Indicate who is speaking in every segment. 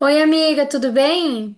Speaker 1: Oi, amiga, tudo bem?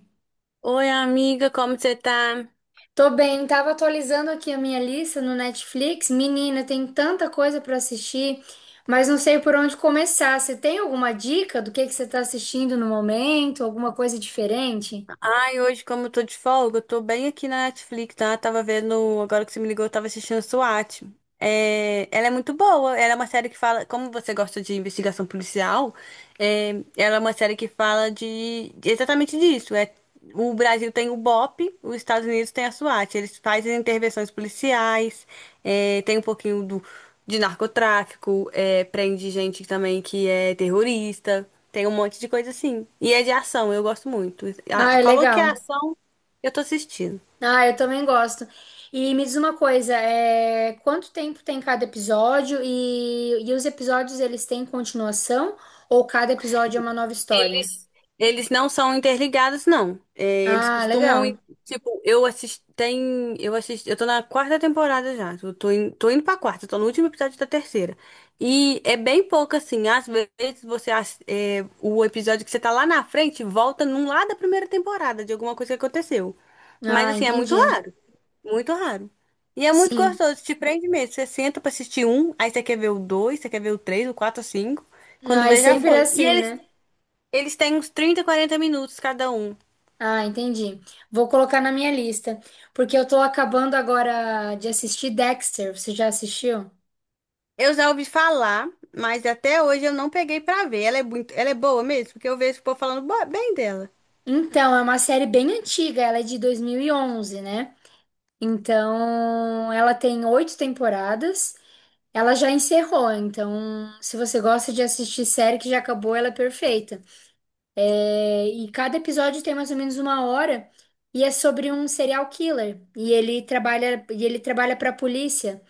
Speaker 2: Oi, amiga, como você tá?
Speaker 1: Tô bem, tava atualizando aqui a minha lista no Netflix. Menina, tem tanta coisa pra assistir, mas não sei por onde começar. Você tem alguma dica do que você tá assistindo no momento? Alguma coisa diferente?
Speaker 2: Ai, hoje, como eu tô de folga, eu tô bem aqui na Netflix, tá? Tava vendo, agora que você me ligou, eu tava assistindo SWAT. É, ela é muito boa. Ela é uma série que fala, como você gosta de investigação policial, é, ela é uma série que fala de exatamente disso. É, o Brasil tem o BOP, os Estados Unidos tem a SWAT. Eles fazem intervenções policiais, tem um pouquinho de narcotráfico, prende gente também que é terrorista, tem um monte de coisa assim. E é de ação, eu gosto muito. A-
Speaker 1: Ah, é
Speaker 2: Falou que é
Speaker 1: legal.
Speaker 2: ação, eu tô assistindo.
Speaker 1: Ah, eu também gosto. E me diz uma coisa, quanto tempo tem cada episódio e os episódios eles têm continuação ou cada episódio é uma nova história?
Speaker 2: Eles não são interligados, não. É, eles
Speaker 1: Ah,
Speaker 2: costumam,
Speaker 1: legal.
Speaker 2: ir- tipo, eu assisti, tem, eu assisti, eu tô na quarta temporada já. Eu tô, in, tô indo pra quarta, tô no último episódio da terceira. E é bem pouco assim. Às vezes você, ass- é, o episódio que você tá lá na frente volta num lá da primeira temporada de alguma coisa que aconteceu. Mas
Speaker 1: Ah,
Speaker 2: assim, é muito
Speaker 1: entendi.
Speaker 2: raro, muito raro. E é muito
Speaker 1: Sim.
Speaker 2: gostoso, te prende mesmo. Você senta pra assistir um, aí você quer ver o dois, você quer ver o três, o quatro, o cinco. Quando
Speaker 1: Ai,
Speaker 2: vê, já
Speaker 1: sempre é
Speaker 2: foi. E
Speaker 1: assim,
Speaker 2: eles
Speaker 1: né?
Speaker 2: eles têm uns 30, 40 minutos cada um.
Speaker 1: Ah, entendi. Vou colocar na minha lista, porque eu tô acabando agora de assistir Dexter. Você já assistiu?
Speaker 2: Eu já ouvi falar, mas até hoje eu não peguei pra ver. Ela é muito, ela é boa mesmo, porque eu vejo o povo falando bo- bem dela.
Speaker 1: Então, é uma série bem antiga, ela é de 2011, né? Então, ela tem 8 temporadas. Ela já encerrou, então, se você gosta de assistir série que já acabou, ela é perfeita. É, e cada episódio tem mais ou menos uma hora e é sobre um serial killer. E ele trabalha para a polícia.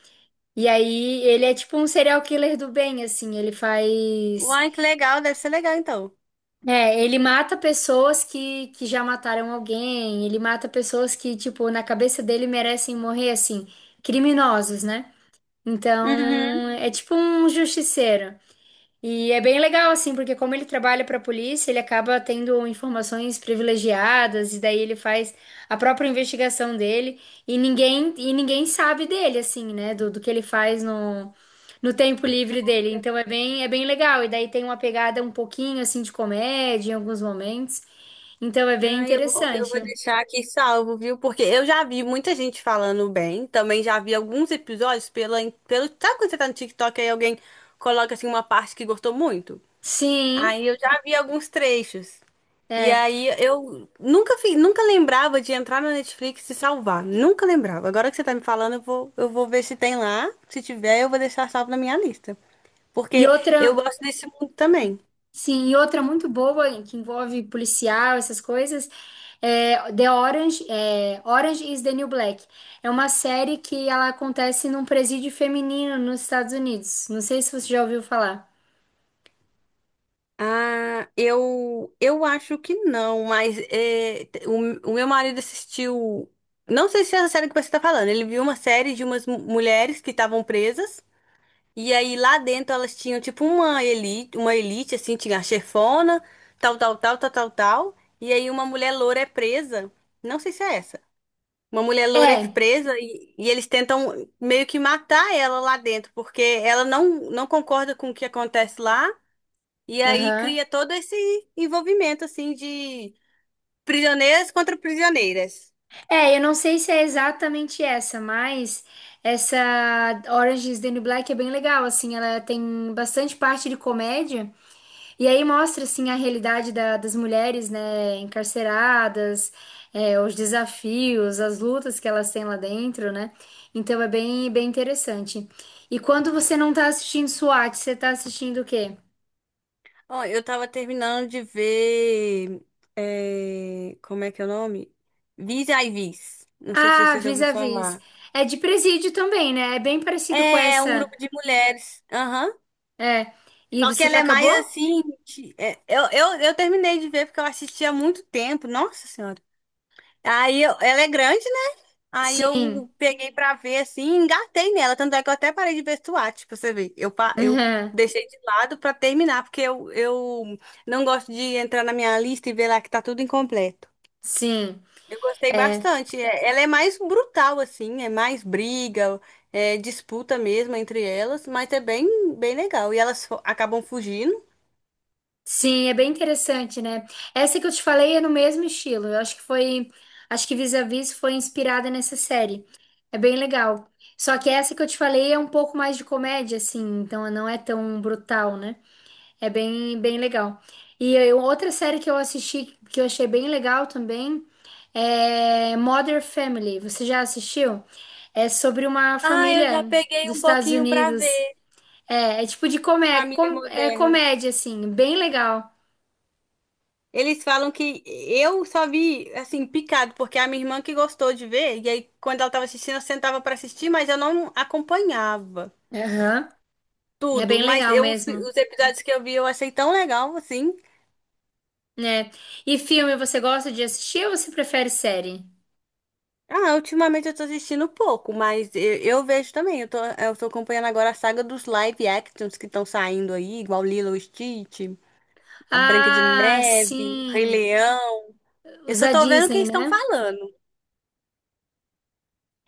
Speaker 1: E aí ele é tipo um serial killer do bem, assim, ele faz.
Speaker 2: Uai, que legal, deve ser legal então.
Speaker 1: É, ele mata pessoas que já mataram alguém, ele mata pessoas que, tipo, na cabeça dele merecem morrer, assim, criminosos, né? Então,
Speaker 2: Uhum.
Speaker 1: é tipo um justiceiro. E é bem legal, assim, porque como ele trabalha para a polícia, ele acaba tendo informações privilegiadas, e daí ele faz a própria investigação dele, e ninguém sabe dele, assim, né? Do que ele faz no tempo livre dele. Então é bem legal, e daí tem uma pegada um pouquinho, assim, de comédia em alguns momentos. Então é bem
Speaker 2: Ah, eu vou
Speaker 1: interessante.
Speaker 2: deixar aqui salvo, viu? Porque eu já vi muita gente falando bem. Também já vi alguns episódios pela, pelo. Sabe quando você tá no TikTok e alguém coloca assim uma parte que gostou muito?
Speaker 1: Sim,
Speaker 2: Aí eu já vi alguns trechos. E
Speaker 1: é.
Speaker 2: aí eu nunca fi- nunca lembrava de entrar na Netflix e salvar. Nunca lembrava. Agora que você tá me falando, eu vou ver se tem lá. Se tiver, eu vou deixar salvo na minha lista.
Speaker 1: E
Speaker 2: Porque
Speaker 1: outra.
Speaker 2: eu gosto desse mundo também.
Speaker 1: Sim, e outra muito boa e que envolve policial, essas coisas, é Orange is the New Black. É uma série que ela acontece num presídio feminino nos Estados Unidos. Não sei se você já ouviu falar.
Speaker 2: Ah, eu acho que não, mas é, te- o meu marido assistiu. Não sei se é a série que você tá falando. Ele viu uma série de umas mu- mulheres que estavam presas. E aí lá dentro elas tinham tipo uma elite assim, tinha a chefona, tal, tal, tal, tal, tal, tal. E aí uma mulher loura é presa. Não sei se é essa. Uma mulher loura é
Speaker 1: É,
Speaker 2: presa e eles tentam meio que matar ela lá dentro, porque ela não concorda com o que acontece lá. E aí
Speaker 1: aham.
Speaker 2: cria todo esse envolvimento assim de prisioneiras contra prisioneiras.
Speaker 1: É, eu não sei se é exatamente essa, mas essa Orange is the New Black é bem legal, assim, ela tem bastante parte de comédia. E aí mostra assim a realidade da- das mulheres, né, encarceradas, é, os desafios, as lutas que elas têm lá dentro, né? Então é bem, bem interessante. E quando você não tá assistindo SWAT, você tá assistindo o quê?
Speaker 2: Ó, eu tava terminando de ver. É, como é que é o nome? Vis a Vis. Não sei se
Speaker 1: Ah,
Speaker 2: você já ouviu
Speaker 1: Vis-a-Vis.
Speaker 2: falar.
Speaker 1: É de presídio também, né? É bem parecido com
Speaker 2: É, é um
Speaker 1: essa.
Speaker 2: grupo de mulheres. Aham.
Speaker 1: É. E
Speaker 2: Só que
Speaker 1: você
Speaker 2: ela
Speaker 1: já
Speaker 2: é mais
Speaker 1: acabou?
Speaker 2: assim. De- é, eu terminei de ver porque eu assisti há muito tempo. Nossa Senhora. Aí eu- ela é grande, né? Aí
Speaker 1: Sim.
Speaker 2: eu peguei pra ver assim, e engatei nela. Tanto é que eu até parei de ver SWAT, pra você ver. Eu, pa- eu
Speaker 1: Uhum.
Speaker 2: deixei de lado pra terminar, porque eu não gosto de entrar na minha lista e ver lá que tá tudo incompleto.
Speaker 1: Sim.
Speaker 2: Eu gostei
Speaker 1: É.
Speaker 2: bastante. É, ela é mais brutal, assim, é mais briga, é disputa mesmo entre elas, mas é bem, bem legal. E elas fo- acabam fugindo.
Speaker 1: Sim, é bem interessante, né? Essa que eu te falei é no mesmo estilo. Eu acho que foi, acho que Vis-a-Vis foi inspirada nessa série. É bem legal. Só que essa que eu te falei é um pouco mais de comédia, assim, então não é tão brutal, né? É bem, bem legal. E eu- outra série que eu assisti que eu achei bem legal também é Modern Family. Você já assistiu? É sobre uma
Speaker 2: Ah, eu já
Speaker 1: família
Speaker 2: peguei
Speaker 1: dos
Speaker 2: um
Speaker 1: Estados
Speaker 2: pouquinho pra
Speaker 1: Unidos.
Speaker 2: ver.
Speaker 1: É, é tipo de comé
Speaker 2: Família
Speaker 1: com- é
Speaker 2: moderna.
Speaker 1: comédia, assim, bem legal.
Speaker 2: Eles falam que eu só vi, assim, picado, porque é a minha irmã que gostou de ver, e aí quando ela tava assistindo, eu sentava pra assistir, mas eu não acompanhava
Speaker 1: Aham. É
Speaker 2: tudo.
Speaker 1: bem
Speaker 2: Mas
Speaker 1: legal
Speaker 2: eu,
Speaker 1: mesmo,
Speaker 2: os episódios que eu vi, eu achei tão legal, assim.
Speaker 1: né? E filme, você gosta de assistir ou você prefere série?
Speaker 2: Ah, ultimamente eu tô assistindo pouco, mas eu vejo também. Eu tô acompanhando agora a saga dos live actions que estão saindo aí, igual Lilo e Stitch, a Branca de
Speaker 1: Ah,
Speaker 2: Neve, Rei
Speaker 1: sim.
Speaker 2: Leão. Eu
Speaker 1: Os
Speaker 2: só
Speaker 1: da
Speaker 2: tô vendo o que
Speaker 1: Disney,
Speaker 2: eles estão
Speaker 1: né?
Speaker 2: falando.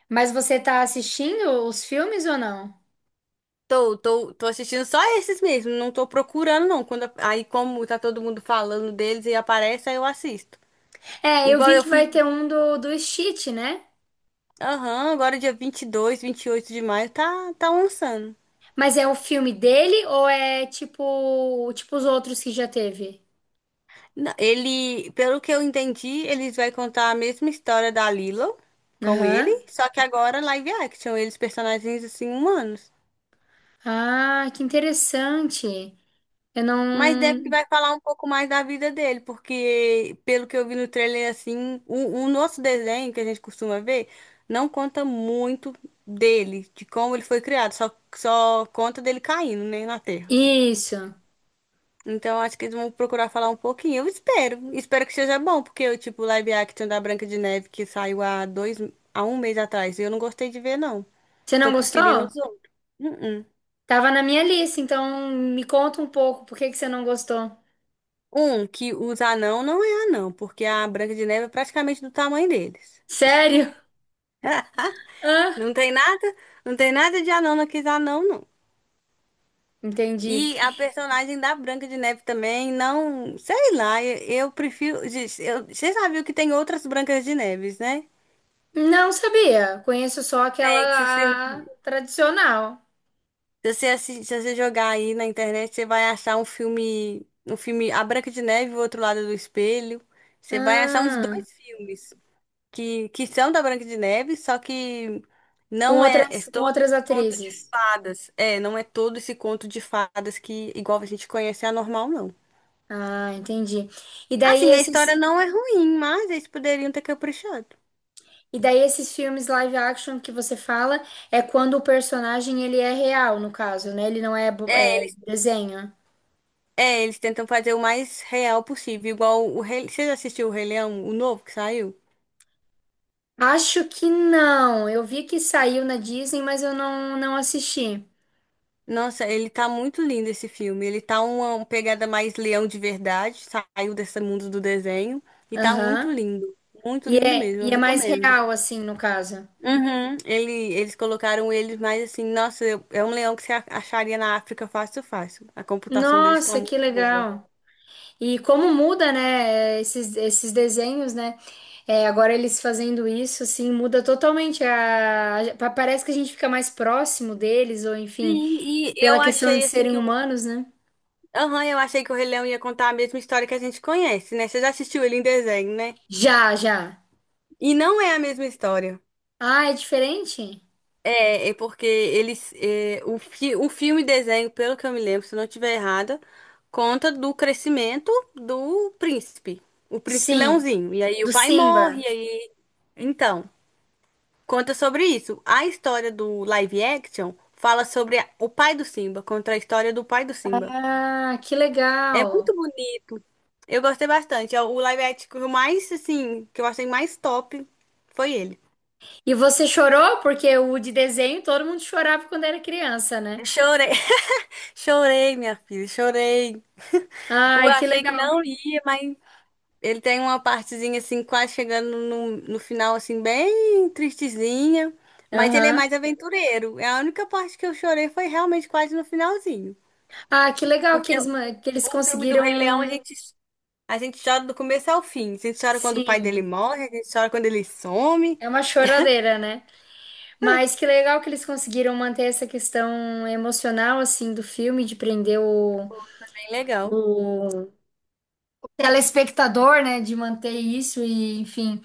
Speaker 1: Mas você tá assistindo os filmes ou não?
Speaker 2: Tô assistindo só esses mesmo, não tô procurando não. Quando, aí como tá todo mundo falando deles e aparece, aí eu assisto.
Speaker 1: É, eu
Speaker 2: Igual
Speaker 1: vi
Speaker 2: eu
Speaker 1: que vai
Speaker 2: fui,
Speaker 1: ter um do, do Stitch, né?
Speaker 2: aham, agora dia vinte vinte e dois vinte e oito de maio, tá lançando.
Speaker 1: Mas é o filme dele ou é tipo, tipo os outros que já teve?
Speaker 2: Não, ele, pelo que eu entendi, eles vai contar a mesma história da Lilo com ele,
Speaker 1: Aham.
Speaker 2: só que agora live action, eles personagens assim humanos.
Speaker 1: Ah, que interessante. Eu
Speaker 2: Mas deve que
Speaker 1: não.
Speaker 2: vai falar um pouco mais da vida dele, porque pelo que eu vi no trailer assim, o nosso desenho que a gente costuma ver não conta muito dele, de como ele foi criado, só conta dele caindo, né, na Terra.
Speaker 1: Isso.
Speaker 2: Então, acho que eles vão procurar falar um pouquinho. Eu espero. Espero que seja bom, porque o tipo o live action da Branca de Neve que saiu há dois, há um mês atrás, eu não gostei de ver, não.
Speaker 1: Você não
Speaker 2: Tô preferindo
Speaker 1: gostou?
Speaker 2: os outros. Uh-uh.
Speaker 1: Tava na minha lista, então me conta um pouco, por que que você não gostou?
Speaker 2: Um, que os anão não é anão, porque a Branca de Neve é praticamente do tamanho deles.
Speaker 1: Sério? Hã?
Speaker 2: Não tem nada, não tem nada de anão naqueles anão, não.
Speaker 1: Entendi.
Speaker 2: E a personagem da Branca de Neve também, não, sei lá, eu prefiro. Gente, eu- você já viu que tem outras Brancas de Neves, né?
Speaker 1: Não sabia. Conheço só
Speaker 2: Tem,
Speaker 1: aquela a, tradicional.
Speaker 2: se você, assi- se você jogar aí na internet, você vai achar um filme A Branca de Neve e o Outro Lado do Espelho. Você vai achar uns
Speaker 1: Ah,
Speaker 2: dois filmes que são da Branca de Neve, só que não é, é
Speaker 1: com
Speaker 2: todo esse
Speaker 1: outras
Speaker 2: conto de
Speaker 1: atrizes.
Speaker 2: fadas. É, não é todo esse conto de fadas que, igual a gente conhece, é anormal, não.
Speaker 1: Ah, entendi. E daí
Speaker 2: Assim, a história
Speaker 1: esses,
Speaker 2: não é ruim, mas eles poderiam ter caprichado.
Speaker 1: e daí esses filmes live action que você fala é quando o personagem ele é real, no caso, né? Ele não é, bo-
Speaker 2: É,
Speaker 1: é
Speaker 2: eles,
Speaker 1: desenho.
Speaker 2: é, eles tentam fazer o mais real possível, igual o Rei... Você já assistiu o Rei Leão, o novo que saiu?
Speaker 1: Acho que não. Eu vi que saiu na Disney, mas eu não, não assisti.
Speaker 2: Nossa, ele tá muito lindo esse filme. Ele tá uma pegada mais leão de verdade, saiu desse mundo do desenho e tá muito
Speaker 1: Aham.
Speaker 2: lindo. Muito lindo mesmo,
Speaker 1: E
Speaker 2: eu
Speaker 1: é mais
Speaker 2: recomendo.
Speaker 1: real, assim, no caso.
Speaker 2: Uhum, eles colocaram ele mais assim, nossa, eu- é um leão que você a- acharia na África fácil, fácil. A computação deles tá
Speaker 1: Nossa,
Speaker 2: muito
Speaker 1: que
Speaker 2: boa.
Speaker 1: legal. E como muda, né, esses, esses desenhos, né? É, agora eles fazendo isso, assim, muda totalmente a... pa- Parece que a gente fica mais próximo deles, ou enfim,
Speaker 2: Sim, e eu
Speaker 1: pela questão
Speaker 2: achei
Speaker 1: de
Speaker 2: assim
Speaker 1: serem
Speaker 2: que o.
Speaker 1: humanos, né?
Speaker 2: Aham, eu achei que o Rei Leão ia contar a mesma história que a gente conhece, né? Você já assistiu ele em desenho, né?
Speaker 1: Já, já.
Speaker 2: E não é a mesma história.
Speaker 1: Ah, é diferente?
Speaker 2: É, é porque eles. É, o filme desenho, pelo que eu me lembro, se eu não estiver errada, conta do crescimento do príncipe. O príncipe
Speaker 1: Sim,
Speaker 2: Leãozinho. E aí o
Speaker 1: do
Speaker 2: pai morre,
Speaker 1: Simba.
Speaker 2: e aí. Então, conta sobre isso. A história do live action fala sobre a- o pai do Simba, conta a história do pai do Simba.
Speaker 1: Ah, que
Speaker 2: É muito
Speaker 1: legal.
Speaker 2: bonito. Eu gostei bastante. É o live action mais, assim, que eu achei mais top foi ele.
Speaker 1: E você chorou? Porque o de desenho todo mundo chorava quando era criança, né?
Speaker 2: Chorei, chorei, minha filha, chorei. Eu
Speaker 1: Ai, que
Speaker 2: achei que
Speaker 1: legal.
Speaker 2: não ia, mas ele tem uma partezinha assim, quase chegando no final, assim, bem tristezinha. Mas ele é
Speaker 1: Aham.
Speaker 2: mais aventureiro. É a única parte que eu chorei foi realmente quase no finalzinho.
Speaker 1: Ah, que legal que
Speaker 2: Porque
Speaker 1: eles, ma- que eles
Speaker 2: o filme do Rei Leão,
Speaker 1: conseguiram.
Speaker 2: a gente chora do começo ao fim. A gente chora quando o pai dele
Speaker 1: Sim,
Speaker 2: morre, a gente chora quando ele some.
Speaker 1: é uma choradeira, né? Mas que legal que eles conseguiram manter essa questão emocional, assim, do filme, de prender
Speaker 2: Bem legal.
Speaker 1: o telespectador, né? De manter isso e, enfim.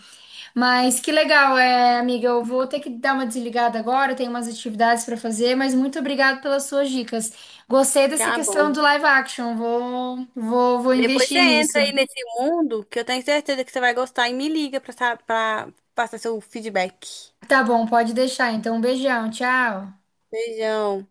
Speaker 1: Mas que legal, é, amiga. Eu vou ter que dar uma desligada agora, tenho umas atividades para fazer, mas muito obrigada pelas suas dicas. Gostei dessa
Speaker 2: Tá
Speaker 1: questão
Speaker 2: bom.
Speaker 1: do live action, vou
Speaker 2: Depois você
Speaker 1: investir nisso.
Speaker 2: entra aí nesse mundo que eu tenho certeza que você vai gostar e me liga pra, sa- pra passar seu feedback.
Speaker 1: Tá bom, pode deixar. Então, um beijão, tchau.
Speaker 2: Beijão.